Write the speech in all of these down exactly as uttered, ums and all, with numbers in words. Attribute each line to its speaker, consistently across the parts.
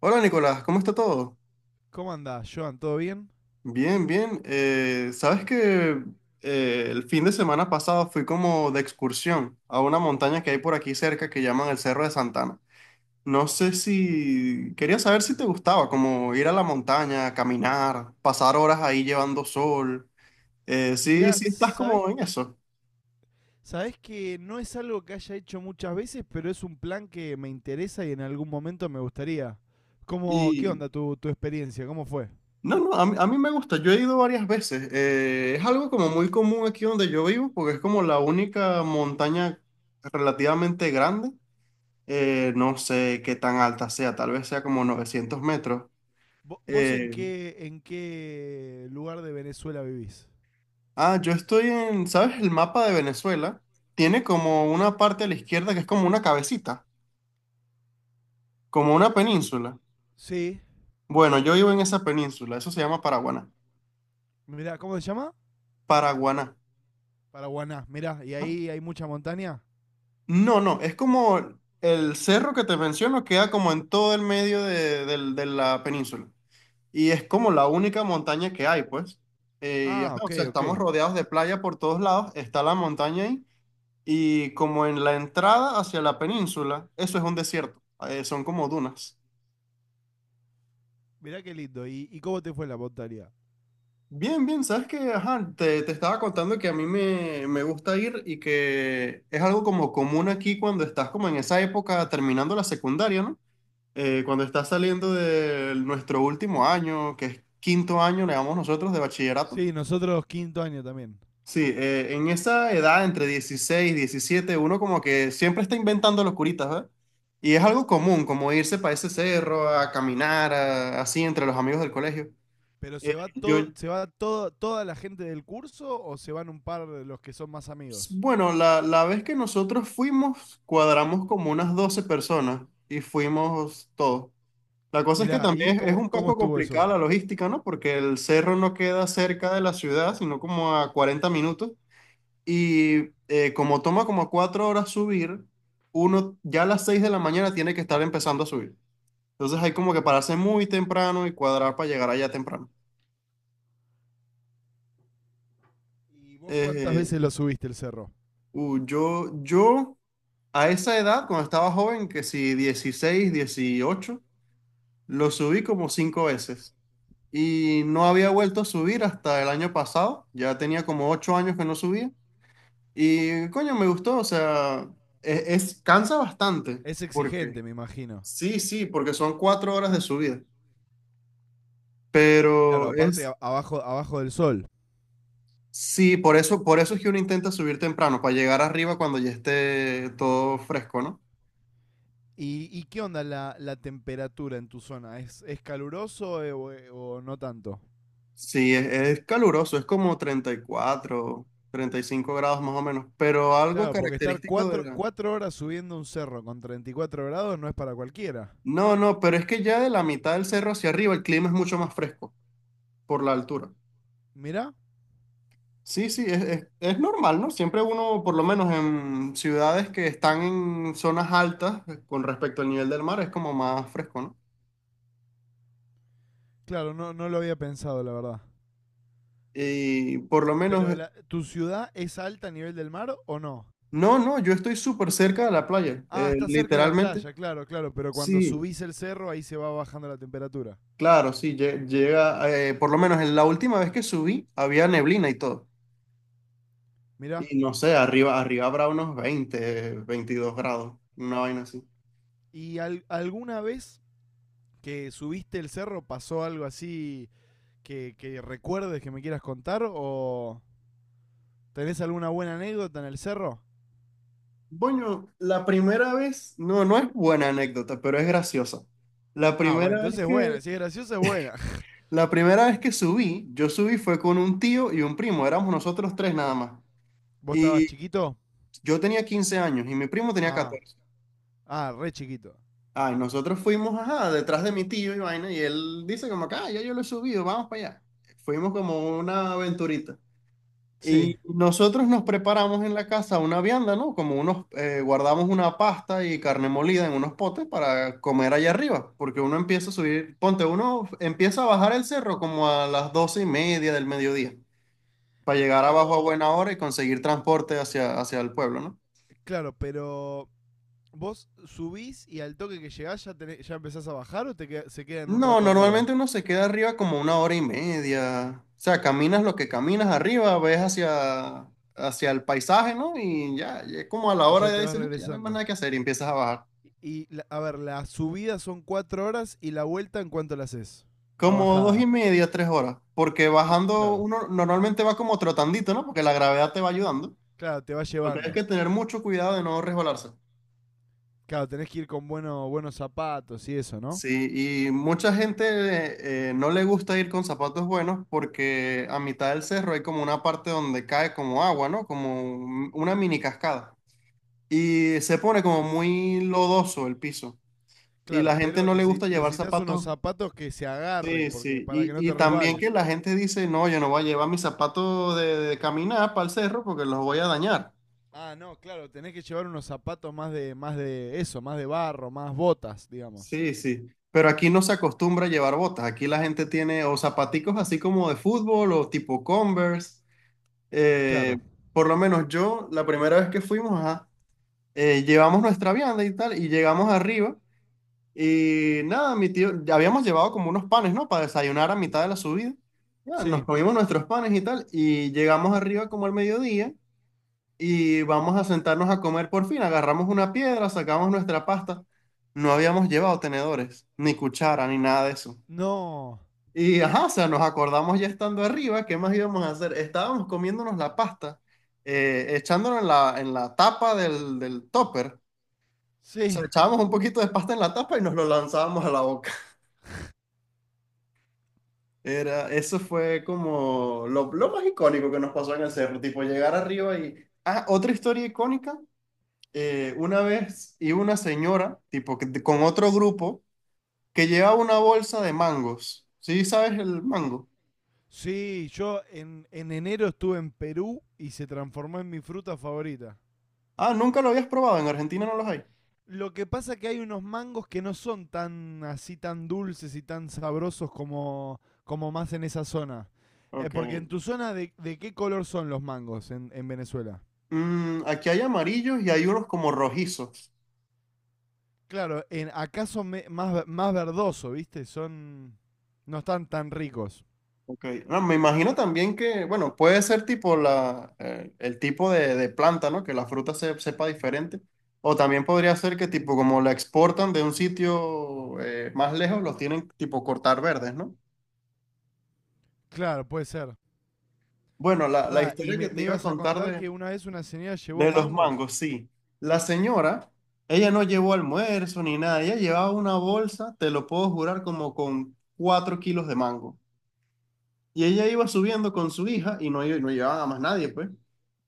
Speaker 1: Hola Nicolás, ¿cómo está todo?
Speaker 2: ¿Cómo andás, Joan? ¿Todo bien?
Speaker 1: Bien, bien. Eh, sabes que eh, el fin de semana pasado fui como de excursión a una montaña que hay por aquí cerca que llaman el Cerro de Santana. No sé si quería saber si te gustaba, como ir a la montaña, caminar, pasar horas ahí llevando sol. Eh, sí,
Speaker 2: Mira,
Speaker 1: sí estás
Speaker 2: ¿sabés,
Speaker 1: como en eso.
Speaker 2: sabés que no es algo que haya hecho muchas veces, pero es un plan que me interesa y en algún momento me gustaría. ¿Cómo, ¿qué
Speaker 1: Y
Speaker 2: onda tu, tu experiencia? ¿Cómo fue?
Speaker 1: no, no, a mí, a mí me gusta. Yo he ido varias veces. Eh, es algo como muy común aquí donde yo vivo porque es como la única montaña relativamente grande. Eh, no sé qué tan alta sea, tal vez sea como novecientos metros.
Speaker 2: ¿Vo- ¿Vos en
Speaker 1: Eh,
Speaker 2: qué, en qué lugar de Venezuela vivís?
Speaker 1: ah, yo estoy en, ¿sabes? El mapa de Venezuela tiene como una parte a la izquierda que es como una cabecita, como una península.
Speaker 2: Sí,
Speaker 1: Bueno, yo vivo en esa península, eso se llama Paraguaná.
Speaker 2: mirá, ¿cómo se llama?
Speaker 1: Paraguaná.
Speaker 2: Paraguaná, mirá, ¿y
Speaker 1: ¿No?
Speaker 2: ahí hay mucha montaña?
Speaker 1: No, no, es como el cerro que te menciono queda como en todo el medio de, del- de la península. Y es como la única montaña que hay, pues. Eh, y ajá,
Speaker 2: Ah,
Speaker 1: o
Speaker 2: ok,
Speaker 1: sea,
Speaker 2: ok.
Speaker 1: estamos rodeados de playa por todos lados, está la montaña ahí. Y como en la entrada hacia la península, eso es un desierto, eh, son como dunas.
Speaker 2: Mirá qué lindo. ¿Y, y cómo te fue la montaña?
Speaker 1: Bien, bien, sabes que, ajá, te, te estaba contando que a mí me, me gusta ir y que es algo como común aquí cuando estás como en esa época terminando la secundaria, ¿no? Eh, cuando estás saliendo de nuestro último año, que es quinto año, le llamamos nosotros, de bachillerato.
Speaker 2: Sí, nosotros quinto año también.
Speaker 1: Sí, eh, en esa edad, entre dieciséis y diecisiete, uno como que siempre está inventando locuritas, ¿verdad? Y es algo común, como irse para ese cerro, a caminar, a- así entre los amigos del colegio.
Speaker 2: ¿Pero se
Speaker 1: Eh,
Speaker 2: va
Speaker 1: yo,
Speaker 2: todo, se va todo, toda la gente del curso o se van un par de los que son más
Speaker 1: s-
Speaker 2: amigos?
Speaker 1: bueno, la, la vez que nosotros fuimos, cuadramos como unas doce personas y fuimos todos. La cosa es que
Speaker 2: Mirá, ¿y
Speaker 1: también es, es
Speaker 2: cómo,
Speaker 1: un
Speaker 2: cómo
Speaker 1: poco
Speaker 2: estuvo eso?
Speaker 1: complicada la logística, ¿no? Porque el cerro no queda cerca de la ciudad, sino como a cuarenta minutos. Y eh, como toma como cuatro horas subir, uno ya a las seis de la mañana tiene que estar empezando a subir. Entonces hay como que pararse muy temprano y cuadrar para llegar allá temprano.
Speaker 2: ¿Y vos cuántas
Speaker 1: Eh,
Speaker 2: veces lo subiste el cerro?
Speaker 1: uh, yo, yo a esa edad, cuando estaba joven, que si dieciséis dieciocho lo subí como cinco veces. Y no había vuelto a subir hasta el año pasado. Ya tenía como ocho años que no subía. Y coño, me gustó. O sea, es, es- cansa bastante.
Speaker 2: Es exigente,
Speaker 1: Porque
Speaker 2: me imagino.
Speaker 1: Sí, sí, porque son cuatro horas de subida.
Speaker 2: Claro,
Speaker 1: Pero
Speaker 2: aparte
Speaker 1: es,
Speaker 2: a- abajo, abajo del sol.
Speaker 1: sí, por eso, por eso es que uno intenta subir temprano, para llegar arriba cuando ya esté todo fresco, ¿no?
Speaker 2: ¿Y, y qué onda la, la temperatura en tu zona? ¿Es, es caluroso eh, o, eh, o no tanto?
Speaker 1: Sí, es, es caluroso, es como treinta treinta y cuatro, treinta y cinco grados más o menos, pero algo
Speaker 2: Claro, porque estar
Speaker 1: característico de
Speaker 2: cuatro,
Speaker 1: la...
Speaker 2: cuatro horas subiendo un cerro con treinta y cuatro grados no es para cualquiera.
Speaker 1: No, no, pero es que ya de la mitad del cerro hacia arriba el clima es mucho más fresco por la altura.
Speaker 2: Mirá,
Speaker 1: Sí, sí, es, es, es normal, ¿no? Siempre uno, por lo menos en ciudades que están en zonas altas, eh, con respecto al nivel del mar, es como más fresco, ¿no?
Speaker 2: claro, no, no lo había pensado, la verdad.
Speaker 1: Y por lo menos,
Speaker 2: Pero
Speaker 1: eh,
Speaker 2: la- ¿tu ciudad es alta a nivel del mar o no?
Speaker 1: no, no, yo estoy súper cerca de la playa,
Speaker 2: Ah,
Speaker 1: eh,
Speaker 2: está cerca de la
Speaker 1: literalmente.
Speaker 2: playa, claro, claro, pero cuando
Speaker 1: Sí,
Speaker 2: subís el cerro ahí se va bajando la temperatura.
Speaker 1: claro, sí, lle- llega, eh, por lo menos en la última vez que subí, había neblina y todo.
Speaker 2: Mirá,
Speaker 1: Y no sé, arriba, arriba habrá unos veinte, veintidós grados, una vaina así.
Speaker 2: ¿y al- alguna vez que subiste el cerro pasó algo así que, que recuerdes que me quieras contar o tenés alguna buena anécdota en el cerro?
Speaker 1: Bueno, la primera vez, no, no es buena anécdota, pero es graciosa. La
Speaker 2: Ah, bueno,
Speaker 1: primera vez
Speaker 2: entonces es
Speaker 1: que,
Speaker 2: buena, si es graciosa es buena.
Speaker 1: la primera vez que subí, yo subí fue con un tío y un primo, éramos nosotros tres nada más.
Speaker 2: ¿Vos estabas
Speaker 1: Y
Speaker 2: chiquito?
Speaker 1: yo tenía quince años y mi primo tenía
Speaker 2: Ah,
Speaker 1: catorce.
Speaker 2: ah, re chiquito.
Speaker 1: Ay, nosotros fuimos, ajá, detrás de mi tío y vaina, y él dice como que, ah, ya yo lo he subido, vamos para allá. Fuimos como una aventurita.
Speaker 2: Sí,
Speaker 1: Y nosotros nos preparamos en la casa una vianda, ¿no? Como unos, eh, guardamos una pasta y carne molida en unos potes para comer allá arriba, porque uno empieza a subir, ponte, uno empieza a bajar el cerro como a las doce y media del mediodía, para llegar abajo a
Speaker 2: pero,
Speaker 1: buena hora y conseguir transporte hacia, hacia el pueblo, ¿no?
Speaker 2: claro, pero vos subís y al toque que llegás ya, tenés- ya empezás a bajar o te queda- se quedan un
Speaker 1: No,
Speaker 2: rato arriba
Speaker 1: normalmente uno se queda arriba como una hora y media, o sea, caminas lo que caminas arriba, ves hacia, hacia el paisaje, ¿no? Y ya, ya como a la
Speaker 2: y
Speaker 1: hora
Speaker 2: ya
Speaker 1: ya
Speaker 2: te vas
Speaker 1: dices, "Ah, ya no hay más
Speaker 2: regresando.
Speaker 1: nada que hacer", y empiezas a bajar.
Speaker 2: Y la- a ver, la subida son cuatro horas y la vuelta en cuánto la haces. La
Speaker 1: Como dos y
Speaker 2: bajada.
Speaker 1: media, tres horas, porque
Speaker 2: Cl-
Speaker 1: bajando
Speaker 2: claro.
Speaker 1: uno normalmente va como trotandito, ¿no? Porque la gravedad te va ayudando.
Speaker 2: Claro, te va
Speaker 1: Lo que hay
Speaker 2: llevando.
Speaker 1: que tener mucho cuidado de no resbalarse.
Speaker 2: Claro, tenés que ir con bueno- buenos zapatos y eso, ¿no?
Speaker 1: Sí, y mucha gente, eh, no le gusta ir con zapatos buenos porque a mitad del cerro hay como una parte donde cae como agua, ¿no? Como un- una mini cascada. Y se pone como muy lodoso el piso. Y
Speaker 2: Claro,
Speaker 1: la gente
Speaker 2: pero
Speaker 1: no le
Speaker 2: necesi-
Speaker 1: gusta llevar
Speaker 2: necesitas unos
Speaker 1: zapatos.
Speaker 2: zapatos que se
Speaker 1: Sí,
Speaker 2: agarren porque
Speaker 1: sí,
Speaker 2: para que no
Speaker 1: y, y
Speaker 2: te
Speaker 1: también que
Speaker 2: resbales.
Speaker 1: la gente dice, no, yo no voy a llevar mis zapatos de, de caminar para el cerro porque los voy a dañar.
Speaker 2: Ah, no, claro, tenés que llevar unos zapatos más de más de eso, más de barro, más botas, digamos.
Speaker 1: Sí, sí, pero aquí no se acostumbra a llevar botas, aquí la gente tiene o zapaticos así como de fútbol o tipo Converse. Eh,
Speaker 2: Claro.
Speaker 1: por lo menos yo, la primera vez que fuimos, ajá, eh, llevamos nuestra vianda y tal, y llegamos arriba, y nada, mi tío, ya habíamos llevado como unos panes, ¿no? Para desayunar a mitad de la subida. Ya, nos
Speaker 2: Sí.
Speaker 1: comimos nuestros panes y tal, y llegamos arriba como al mediodía. Y vamos a sentarnos a comer por fin. Agarramos una piedra, sacamos nuestra pasta. No habíamos llevado tenedores, ni cuchara, ni nada de eso.
Speaker 2: No.
Speaker 1: Y ajá, o sea, nos acordamos ya estando arriba, ¿qué más íbamos a hacer? Estábamos comiéndonos la pasta, eh, echándonos en la, en la tapa del, del topper. O
Speaker 2: Sí,
Speaker 1: sea, echábamos un poquito de pasta en la tapa y nos lo lanzábamos a la boca. Era, eso fue como lo, lo más icónico que nos pasó en el cerro, tipo llegar arriba y... Ah, otra historia icónica, eh, una vez iba una señora, tipo, que- con otro grupo, que llevaba una bolsa de mangos. ¿Sí sabes el mango?
Speaker 2: sí, yo en, en enero estuve en Perú y se transformó en mi fruta favorita.
Speaker 1: Ah, nunca lo habías probado, en Argentina no los hay.
Speaker 2: Lo que pasa que hay unos mangos que no son tan así tan dulces y tan sabrosos como, como más en esa zona. Eh,
Speaker 1: Ok.
Speaker 2: ¿porque en tu zona, de, de qué color son los mangos en, en Venezuela?
Speaker 1: Mm, aquí hay amarillos y hay unos como rojizos.
Speaker 2: Claro, en, acá son me- más, ve- más verdoso, ¿viste? Son. No están tan ricos.
Speaker 1: Ok. No, me imagino también que, bueno, puede ser tipo la, eh, el tipo de, de planta, ¿no? Que la fruta se, sepa diferente. O también podría ser que tipo como la exportan de un sitio, eh, más lejos, los tienen tipo cortar verdes, ¿no?
Speaker 2: Claro, puede ser.
Speaker 1: Bueno, la, la
Speaker 2: Pará, y
Speaker 1: historia que
Speaker 2: me,
Speaker 1: te
Speaker 2: me
Speaker 1: iba a
Speaker 2: ibas a
Speaker 1: contar
Speaker 2: contar
Speaker 1: de,
Speaker 2: que una vez una señora llevó
Speaker 1: De los
Speaker 2: mangos.
Speaker 1: mangos, sí. La señora, ella no llevó almuerzo ni nada, ella llevaba una bolsa, te lo puedo jurar, como con cuatro kilos de mango. Y ella iba subiendo con su hija y no, no llevaba a más nadie, pues.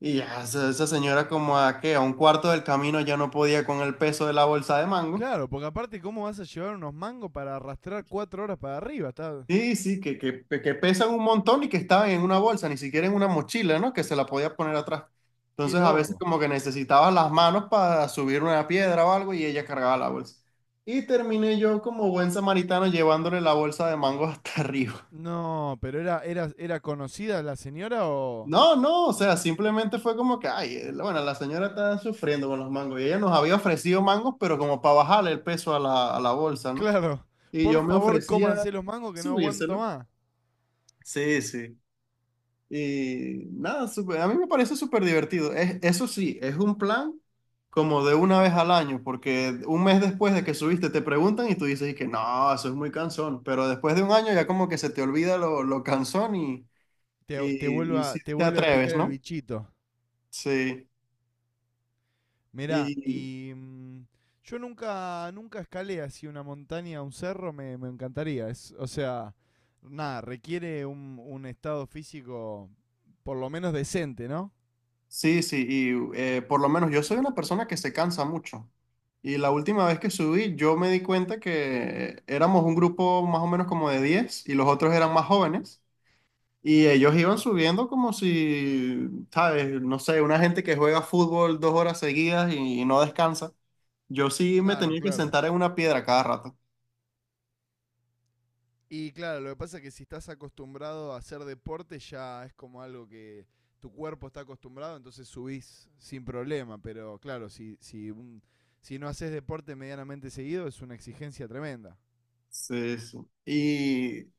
Speaker 1: Y ya, esa, esa señora como a qué, a un cuarto del camino ya no podía con el peso de la bolsa de mango.
Speaker 2: Claro, porque aparte, ¿cómo vas a llevar unos mangos para arrastrar cuatro horas para arriba? Está.
Speaker 1: Sí, sí, que, que, que pesan un montón y que estaban en una bolsa, ni siquiera en una mochila, ¿no? Que se la podía poner atrás.
Speaker 2: Qué
Speaker 1: Entonces a veces
Speaker 2: loco.
Speaker 1: como que necesitabas las manos para subir una piedra o algo y ella cargaba la bolsa. Y terminé yo como buen samaritano llevándole la bolsa de mango hasta arriba.
Speaker 2: No, pero era, era, era conocida la señora o.
Speaker 1: No, no, o sea, simplemente fue como que, ay, eh, bueno, la señora está sufriendo con los mangos y ella nos había ofrecido mangos, pero como para bajarle el peso a la, a la bolsa, ¿no?
Speaker 2: Claro,
Speaker 1: Y
Speaker 2: por
Speaker 1: yo me
Speaker 2: favor
Speaker 1: ofrecía
Speaker 2: cómanse los mangos que no aguanto
Speaker 1: subírselo.
Speaker 2: más.
Speaker 1: Sí, sí. Y nada, súper- a mí me parece súper divertido. Es, eso sí, es un plan como de una vez al año, porque un mes después de que subiste te preguntan y tú dices y que no, eso es muy cansón, pero después de un año ya como que se te olvida lo, lo cansón y,
Speaker 2: Te, te,
Speaker 1: y,
Speaker 2: vuelve,
Speaker 1: y
Speaker 2: a,
Speaker 1: sí
Speaker 2: te
Speaker 1: te
Speaker 2: vuelve a picar
Speaker 1: atreves,
Speaker 2: el
Speaker 1: ¿no?
Speaker 2: bichito.
Speaker 1: Sí,
Speaker 2: Mirá,
Speaker 1: y
Speaker 2: y mm, yo nunca, nunca escalé así una montaña, un cerro, me, me encantaría. Es, o sea, nada, requiere un, un estado físico por lo menos decente, ¿no?
Speaker 1: sí, sí, y eh, por lo menos yo soy una persona que se cansa mucho. Y la última vez que subí, yo me di cuenta que éramos un grupo más o menos como de diez y los otros eran más jóvenes. Y ellos iban subiendo como si, ¿sabes? No sé, una gente que juega fútbol dos horas seguidas y, no descansa. Yo sí me
Speaker 2: Claro,
Speaker 1: tenía que
Speaker 2: claro.
Speaker 1: sentar en una piedra cada rato.
Speaker 2: Y claro, lo que pasa es que si estás acostumbrado a hacer deporte ya es como algo que tu cuerpo está acostumbrado, entonces subís sin problema. Pero claro, si, si, un- si no haces deporte medianamente seguido es una exigencia tremenda.
Speaker 1: Sí, sí. Y, eh,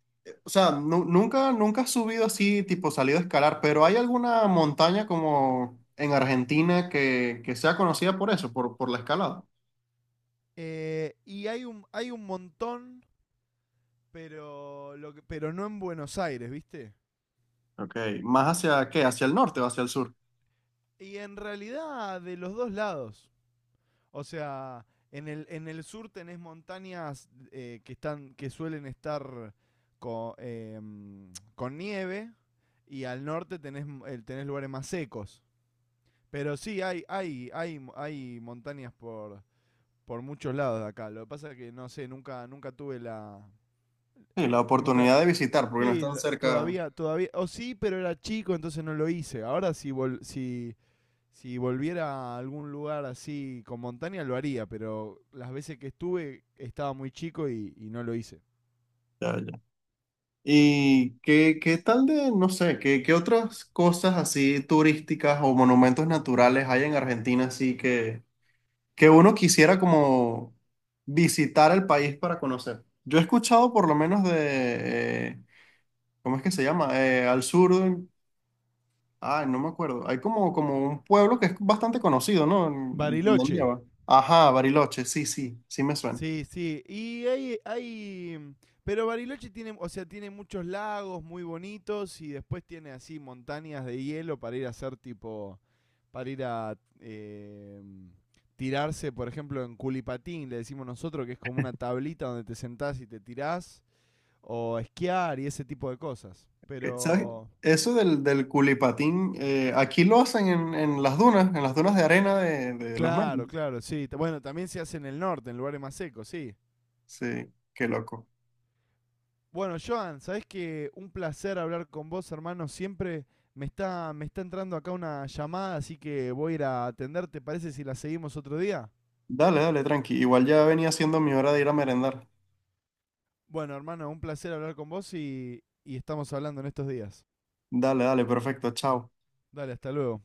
Speaker 1: o sea, nu- nunca, nunca has subido así, tipo salido a escalar, pero ¿hay alguna montaña como en Argentina que, que sea conocida por eso, por, por la escalada?
Speaker 2: Eh, y hay un, hay un montón, pero, lo que- pero no en Buenos Aires, ¿viste?
Speaker 1: Ok, ¿más hacia qué? ¿Hacia el norte o hacia el sur?
Speaker 2: Y en realidad de los dos lados. O sea, en el, en el sur tenés montañas eh, que, están, que suelen estar con eh, mm, con, nieve, y al norte tenés, m- eh, tenés lugares más secos. Pero sí, hay, hay, hay, hay montañas por, por muchos lados de acá. Lo que pasa es que no sé, nunca, nunca tuve la.
Speaker 1: Sí, la
Speaker 2: Nunca.
Speaker 1: oportunidad de visitar, porque no
Speaker 2: Sí,
Speaker 1: están
Speaker 2: la-
Speaker 1: cerca.
Speaker 2: todavía, todavía... O sí, pero era chico, entonces no lo hice. Ahora si, vol- si, si volviera a algún lugar así con montaña lo haría, pero las veces que estuve estaba muy chico y, y no lo hice.
Speaker 1: Ya, ya. ¿Y qué, qué tal de, no sé, qué, qué otras cosas así turísticas o monumentos naturales hay en Argentina así que, que uno quisiera como visitar el país para conocer? Yo he escuchado por lo menos de, eh, ¿Cómo es que se llama? Eh, al sur, de- ay, no me acuerdo. Hay como, como un pueblo que es bastante conocido, ¿no? En- donde
Speaker 2: Bariloche.
Speaker 1: lleva. Ajá, Bariloche, sí, sí, sí me suena.
Speaker 2: Sí, sí. Y hay, hay. mm, Pero Bariloche tiene, o sea, tiene muchos lagos muy bonitos y después tiene así montañas de hielo para ir a hacer tipo. Para ir a eh, mm, tirarse, por ejemplo, en culipatín, le decimos nosotros, que es como una tablita donde te sentás y te tirás, o esquiar y ese tipo de cosas.
Speaker 1: Ok, ¿sabes?
Speaker 2: Pero
Speaker 1: Eso del, del culipatín, eh, aquí lo hacen en, en las dunas, en las dunas de arena de, de los medios.
Speaker 2: claro, claro, sí. T- Bueno, también se hace en el norte, en lugares más secos, sí.
Speaker 1: Sí, qué loco.
Speaker 2: Bueno, Joan, sabés que un placer hablar con vos, hermano. Siempre me está, me está entrando acá una llamada, así que voy a ir a atender. ¿Te parece si la seguimos otro día?
Speaker 1: Dale, dale, tranqui. Igual ya venía siendo mi hora de ir a merendar.
Speaker 2: Bueno, hermano, un placer hablar con vos y, y estamos hablando en estos días.
Speaker 1: Dale, dale, perfecto, chao.
Speaker 2: Dale, hasta luego.